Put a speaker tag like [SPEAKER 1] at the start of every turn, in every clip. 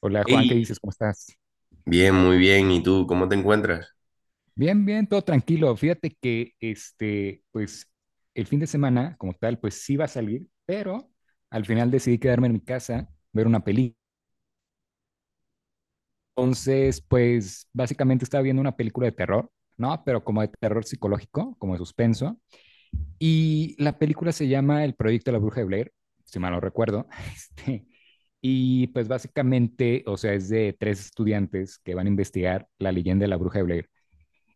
[SPEAKER 1] Hola Juan, ¿qué
[SPEAKER 2] Ey,
[SPEAKER 1] dices? ¿Cómo estás?
[SPEAKER 2] bien, muy bien. ¿Y tú cómo te encuentras?
[SPEAKER 1] Bien, bien, todo tranquilo. Fíjate que pues el fin de semana como tal, pues sí va a salir, pero al final decidí quedarme en mi casa, ver una película. Pues básicamente estaba viendo una película de terror, ¿no? Pero como de terror psicológico, como de suspenso. Y la película se llama El Proyecto de la Bruja de Blair, si mal no recuerdo. Este, y pues básicamente, o sea, es de tres estudiantes que van a investigar la leyenda de la Bruja de Blair.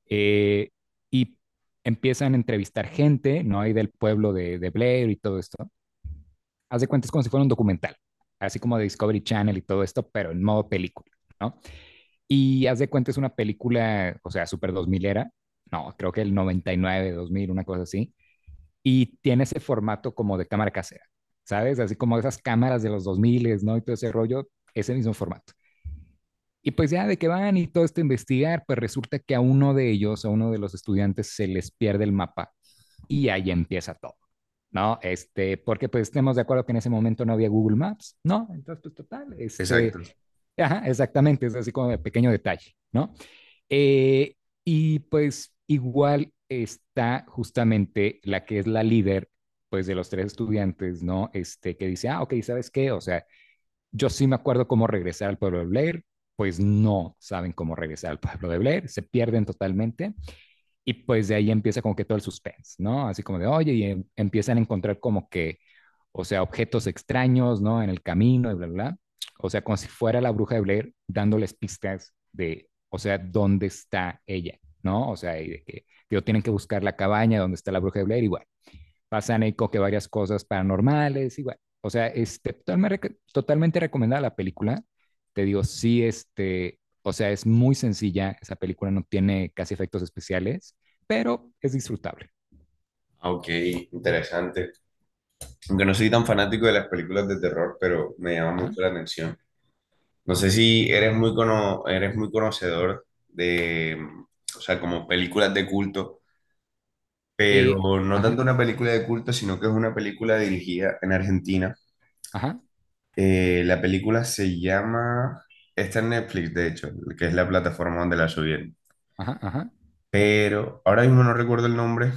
[SPEAKER 1] Eh, y empiezan a entrevistar gente, ¿no? Ahí del pueblo de Blair y todo esto. Haz de cuenta, es como si fuera un documental, así como de Discovery Channel y todo esto, pero en modo película, ¿no? Y haz de cuenta, es una película, o sea, súper 2000 era, no, creo que el 99, 2000, una cosa así, y tiene ese formato como de cámara casera, ¿sabes? Así como esas cámaras de los 2000, ¿no? Y todo ese rollo, ese mismo formato. Y pues ya de que van y todo esto a investigar, pues resulta que a uno de ellos, a uno de los estudiantes, se les pierde el mapa y ahí empieza todo, ¿no? Porque pues estemos de acuerdo que en ese momento no había Google Maps, ¿no? Entonces, pues total,
[SPEAKER 2] Exacto.
[SPEAKER 1] ajá, exactamente, es así como de pequeño detalle, ¿no? Eh, y pues igual está justamente la que es la líder, pues de los tres estudiantes, ¿no? Que dice, ah, ok, ¿sabes qué? O sea, yo sí me acuerdo cómo regresar al pueblo de Blair, pues no saben cómo regresar al pueblo de Blair, se pierden totalmente y pues de ahí empieza como que todo el suspense, ¿no? Así como de, oye, y empiezan a encontrar como que, o sea, objetos extraños, ¿no? En el camino y bla, bla, bla. O sea, como si fuera la bruja de Blair dándoles pistas de, o sea, dónde está ella, ¿no? O sea, y de que, digo, tienen que buscar la cabaña donde está la bruja de Blair y bueno, pasan ahí como que varias cosas paranormales, igual. O sea, totalmente, totalmente recomendada la película. Te digo, sí, o sea, es muy sencilla. Esa película no tiene casi efectos especiales, pero es disfrutable.
[SPEAKER 2] Ah, ok, interesante. Aunque no soy tan fanático de las películas de terror, pero me llama
[SPEAKER 1] Ajá.
[SPEAKER 2] mucho la atención. No sé si eres muy conocedor de, o sea, como películas de culto, pero
[SPEAKER 1] Eh,
[SPEAKER 2] no
[SPEAKER 1] ajá,
[SPEAKER 2] tanto una película de culto, sino que es una película dirigida en Argentina.
[SPEAKER 1] ajá,
[SPEAKER 2] La película se llama, está en Netflix, de hecho, que es la plataforma donde la subí.
[SPEAKER 1] ajá, ajá,
[SPEAKER 2] Pero ahora mismo no recuerdo el nombre,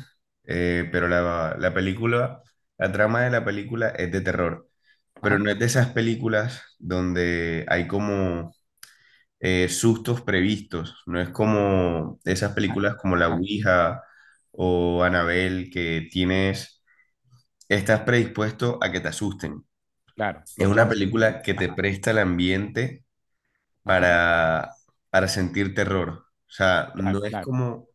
[SPEAKER 2] pero la película, la trama de la película es de terror, pero
[SPEAKER 1] ajá,
[SPEAKER 2] no es de esas películas donde hay como sustos previstos, no es como esas
[SPEAKER 1] ajá,
[SPEAKER 2] películas como La
[SPEAKER 1] ajá.
[SPEAKER 2] Ouija o Annabelle que tienes, estás predispuesto a que te asusten.
[SPEAKER 1] Claro,
[SPEAKER 2] Es
[SPEAKER 1] los
[SPEAKER 2] una
[SPEAKER 1] jumpscares, digamos.
[SPEAKER 2] película que te
[SPEAKER 1] Ajá,
[SPEAKER 2] presta el ambiente
[SPEAKER 1] ajá,
[SPEAKER 2] para, para sentir terror. O sea,
[SPEAKER 1] claro,
[SPEAKER 2] no es
[SPEAKER 1] claro.
[SPEAKER 2] como.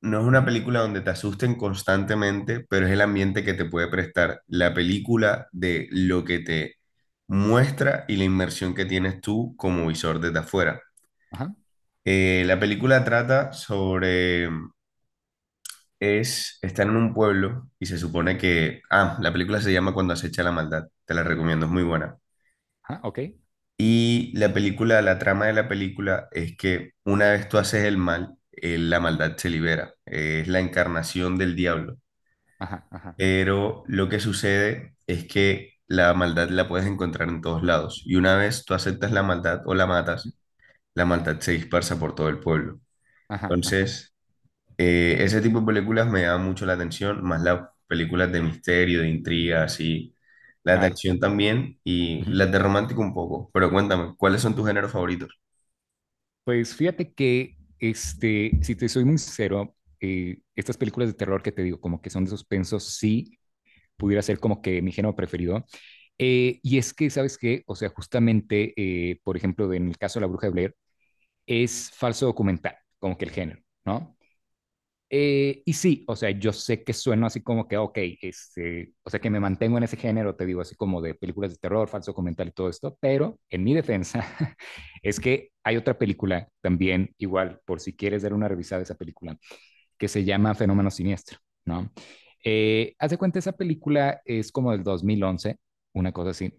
[SPEAKER 2] No es una
[SPEAKER 1] Ujú,
[SPEAKER 2] película donde te asusten constantemente, pero es el ambiente que te puede prestar la película de
[SPEAKER 1] ujú,
[SPEAKER 2] lo que te muestra y la inmersión que tienes tú como visor desde afuera.
[SPEAKER 1] ajá,
[SPEAKER 2] La película trata sobre, es, están en un pueblo y se supone que, ah, la película se llama Cuando acecha la maldad, te la recomiendo, es muy buena.
[SPEAKER 1] ajá, ok.
[SPEAKER 2] Y la película, la trama de la película es que una vez tú haces el mal, la
[SPEAKER 1] Ujú,
[SPEAKER 2] maldad se libera. Es la encarnación del diablo.
[SPEAKER 1] ajá, ajá,
[SPEAKER 2] Pero lo que sucede es que la maldad la puedes encontrar en todos lados. Y una vez tú aceptas la maldad o la
[SPEAKER 1] ujú,
[SPEAKER 2] matas, la maldad se dispersa por todo el pueblo.
[SPEAKER 1] ajá, ajá,
[SPEAKER 2] Entonces, ese tipo de películas me llama mucho la atención, más las películas de misterio, de intriga, así, las de
[SPEAKER 1] claro,
[SPEAKER 2] acción también y
[SPEAKER 1] claro.
[SPEAKER 2] las de romántico un poco. Pero cuéntame, ¿cuáles son tus géneros favoritos?
[SPEAKER 1] Pues fíjate que, si te soy muy sincero, estas películas de terror que te digo, como que son de suspenso, sí pudiera ser como que mi género preferido. Y es que, ¿sabes qué? O sea, justamente, por ejemplo, en el caso de La Bruja de Blair, es falso documental, como que el género, ¿no? Y sí, o sea, yo sé que sueno así como que, ok, o sea, que me mantengo en ese género, te digo, así como de películas de terror, falso comentario y todo esto, pero en mi defensa es que hay otra película también, igual, por si quieres dar una revisada a esa película, que se llama Fenómeno Siniestro, ¿no? Haz de cuenta, esa película es como del 2011, una cosa así,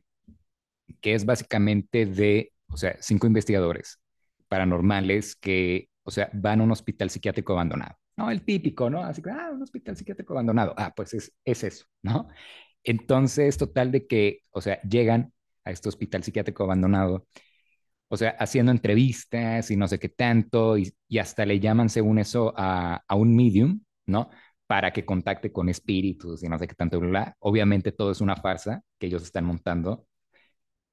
[SPEAKER 1] que es básicamente de, o sea, cinco investigadores paranormales que, o sea, van a un hospital psiquiátrico abandonado. No, el típico, ¿no? Así que, ah, un hospital psiquiátrico abandonado. Ah, pues es eso, ¿no? Entonces, total de que, o sea, llegan a este hospital psiquiátrico abandonado, o sea, haciendo entrevistas y no sé qué tanto, y hasta le llaman, según eso, un medium, ¿no? Para que contacte con espíritus y no sé qué tanto, bla, bla. Obviamente todo es una farsa que ellos están montando,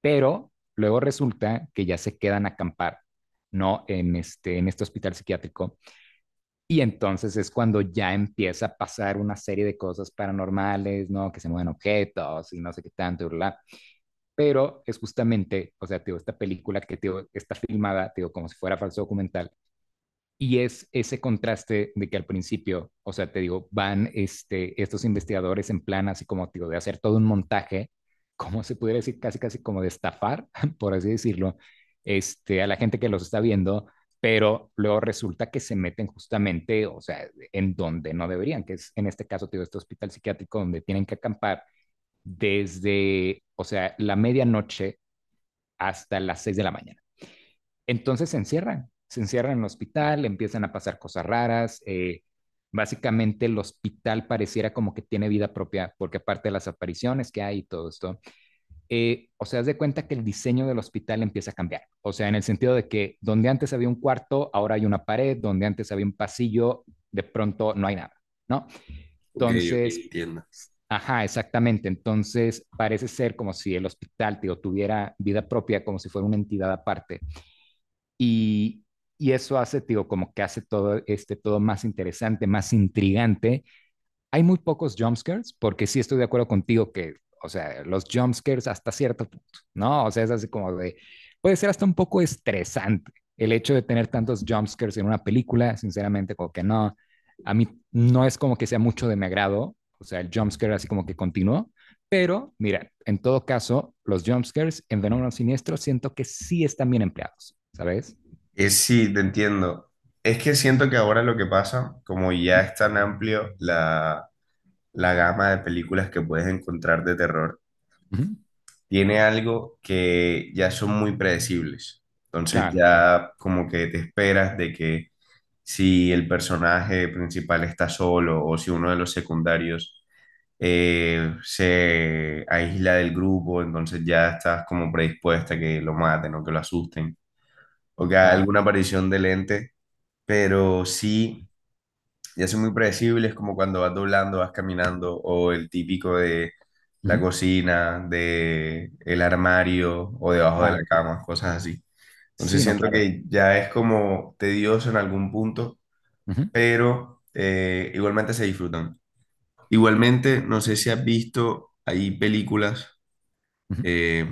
[SPEAKER 1] pero luego resulta que ya se quedan a acampar, ¿no? En este hospital psiquiátrico. Y entonces es cuando ya empieza a pasar una serie de cosas paranormales, ¿no? Que se mueven objetos y no sé qué tanto, bla. Pero es justamente, o sea, digo, esta película que digo, está filmada, digo, como si fuera falso documental, y es ese contraste de que al principio, o sea, te digo, van estos investigadores en plan así como, digo, de hacer todo un montaje, como se pudiera decir, casi, casi como de estafar, por así decirlo, a la gente que los está viendo, pero luego resulta que se meten justamente, o sea, en donde no deberían, que es en este caso, digo, este hospital psiquiátrico donde tienen que acampar desde, o sea, la medianoche hasta las seis de la mañana. Entonces se encierran en el hospital, empiezan a pasar cosas raras. Básicamente el hospital pareciera como que tiene vida propia, porque aparte de las apariciones que hay y todo esto, o sea, haz de cuenta que el diseño del hospital empieza a cambiar. O sea, en el sentido de que donde antes había un cuarto, ahora hay una pared, donde antes había un pasillo, de pronto no hay nada, ¿no?
[SPEAKER 2] Ok, ok,
[SPEAKER 1] Entonces,
[SPEAKER 2] entiendo.
[SPEAKER 1] ajá, exactamente. Entonces, parece ser como si el hospital te tuviera vida propia, como si fuera una entidad aparte. Y, y eso hace, tío, como que hace todo, todo más interesante, más intrigante. Hay muy pocos jumpscares, porque sí estoy de acuerdo contigo que, o sea, los jumpscares hasta cierto punto, ¿no? O sea, es así como de, puede ser hasta un poco estresante el hecho de tener tantos jumpscares en una película, sinceramente, como que no, a mí no es como que sea mucho de mi agrado, o sea, el jumpscare así como que continuó, pero mira, en todo caso, los jumpscares en Fenómeno Siniestro siento que sí están bien empleados, ¿sabes?
[SPEAKER 2] Es sí, te entiendo. Es que siento que ahora lo que pasa, como ya es tan amplio la la gama de películas que puedes encontrar de terror,
[SPEAKER 1] Ujú.
[SPEAKER 2] tiene algo que ya son muy predecibles. Entonces
[SPEAKER 1] Claro, claro,
[SPEAKER 2] ya como que te esperas de que si el personaje principal está solo o si uno de los secundarios se aísla del grupo, entonces ya estás como predispuesta a que lo maten o que lo asusten o que haga
[SPEAKER 1] claro.
[SPEAKER 2] alguna aparición del ente, pero sí ya son muy predecibles, como cuando vas doblando, vas caminando, o el típico de la
[SPEAKER 1] Ujú.
[SPEAKER 2] cocina, de el armario o debajo de la
[SPEAKER 1] Claro, claro.
[SPEAKER 2] cama, cosas así. Entonces
[SPEAKER 1] Sí, no,
[SPEAKER 2] siento
[SPEAKER 1] claro.
[SPEAKER 2] que ya es como tedioso en algún punto,
[SPEAKER 1] Ujú,
[SPEAKER 2] pero igualmente se disfrutan. Igualmente, no sé si has visto, hay películas,
[SPEAKER 1] ujú,
[SPEAKER 2] eh,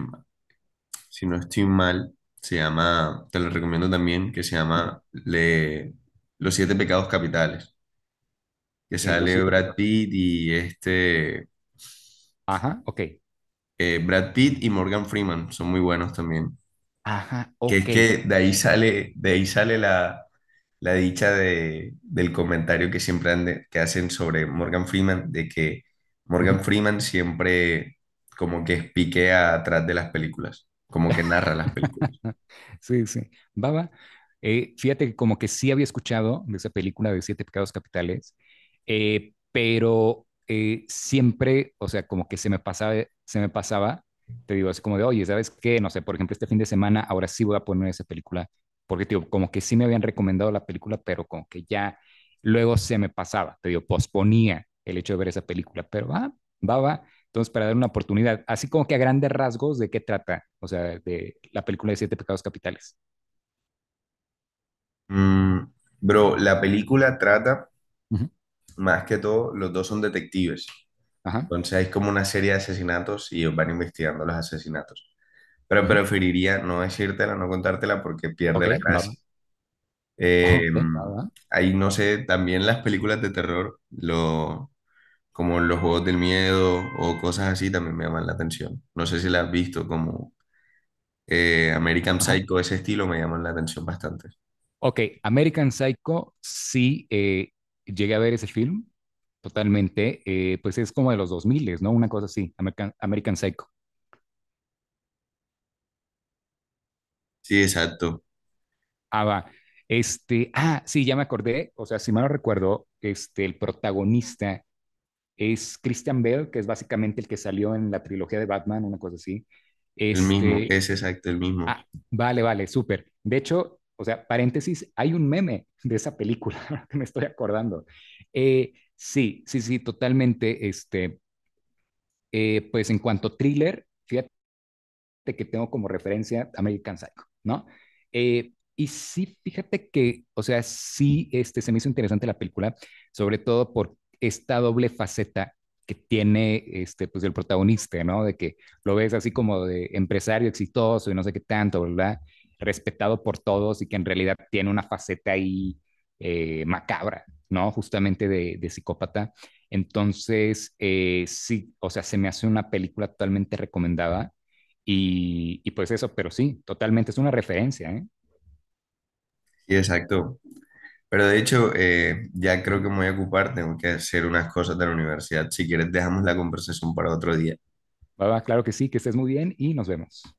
[SPEAKER 2] si no estoy mal, se llama, te lo recomiendo también, que
[SPEAKER 1] ujú.
[SPEAKER 2] Los Siete Pecados Capitales. Que
[SPEAKER 1] Ok, los
[SPEAKER 2] sale
[SPEAKER 1] siete
[SPEAKER 2] Brad
[SPEAKER 1] pecados.
[SPEAKER 2] Pitt y este,
[SPEAKER 1] Ajá, ok.
[SPEAKER 2] Brad Pitt y Morgan Freeman, son muy buenos también.
[SPEAKER 1] Ajá,
[SPEAKER 2] Que es
[SPEAKER 1] ok.
[SPEAKER 2] que
[SPEAKER 1] Ajá,
[SPEAKER 2] de ahí sale la, la dicha de, del comentario que que hacen sobre Morgan Freeman, de que
[SPEAKER 1] ujú.
[SPEAKER 2] Morgan Freeman siempre como que espiquea atrás de las películas, como que narra las películas.
[SPEAKER 1] Sí, sí. Baba, fíjate que como que sí había escuchado de esa película de Siete Pecados Capitales, pero siempre, o sea, como que se me pasaba, te digo, así como de, oye, ¿sabes qué? No sé, por ejemplo, este fin de semana, ahora sí voy a poner esa película, porque, te digo, como que sí me habían recomendado la película, pero como que ya luego se me pasaba, te digo, posponía el hecho de ver esa película, pero va, va, va, entonces, para dar una oportunidad, así como que a grandes rasgos, ¿de qué trata? O sea, de la película de Siete Pecados Capitales.
[SPEAKER 2] Mm, Bro, la película trata,
[SPEAKER 1] Ujú,
[SPEAKER 2] más que todo, los dos son detectives.
[SPEAKER 1] ajá,
[SPEAKER 2] Entonces es como una serie de asesinatos y ellos van investigando los asesinatos. Pero
[SPEAKER 1] ujú.
[SPEAKER 2] preferiría no decírtela, no contártela porque
[SPEAKER 1] Ok,
[SPEAKER 2] pierde la
[SPEAKER 1] sí, va.
[SPEAKER 2] gracia. Eh,
[SPEAKER 1] Ok, va, va.
[SPEAKER 2] Ahí no sé, también las películas de terror, lo, como los juegos del miedo o cosas así también me llaman la atención. No sé si las has visto, como American
[SPEAKER 1] Ajá.
[SPEAKER 2] Psycho, ese estilo me llaman la atención bastante.
[SPEAKER 1] Ok, American Psycho, sí, llegué a ver ese film totalmente. Pues es como de los 2000, ¿no? Una cosa así, American Psycho.
[SPEAKER 2] Sí, exacto,
[SPEAKER 1] Ah, va. Sí, ya me acordé. O sea, si mal no recuerdo, el protagonista es Christian Bale, que es básicamente el que salió en la trilogía de Batman, una cosa así.
[SPEAKER 2] el mismo,
[SPEAKER 1] Este,
[SPEAKER 2] es exacto, el mismo.
[SPEAKER 1] ah, vale, vale, súper. De hecho, o sea, paréntesis, hay un meme de esa película ahora que me estoy acordando. Sí, sí, sí, totalmente. Pues en cuanto a thriller, fíjate de que tengo como referencia American Psycho, ¿no? Y sí, fíjate que, o sea, sí se me hizo interesante la película, sobre todo por esta doble faceta que tiene pues, el protagonista, ¿no? De que lo ves así como de empresario exitoso y no sé qué tanto, ¿verdad? Respetado por todos y que en realidad tiene una faceta ahí macabra, ¿no? Justamente de psicópata. Entonces, sí, o sea, se me hace una película totalmente recomendada. Y pues eso, pero sí, totalmente es una referencia, ¿eh?
[SPEAKER 2] Sí, exacto. Pero de hecho, ya creo
[SPEAKER 1] Uh-huh.
[SPEAKER 2] que me voy a ocupar, tengo que hacer unas cosas de la universidad. Si quieres, dejamos la conversación para otro día.
[SPEAKER 1] Va, va, claro que sí, que estés muy bien y nos vemos.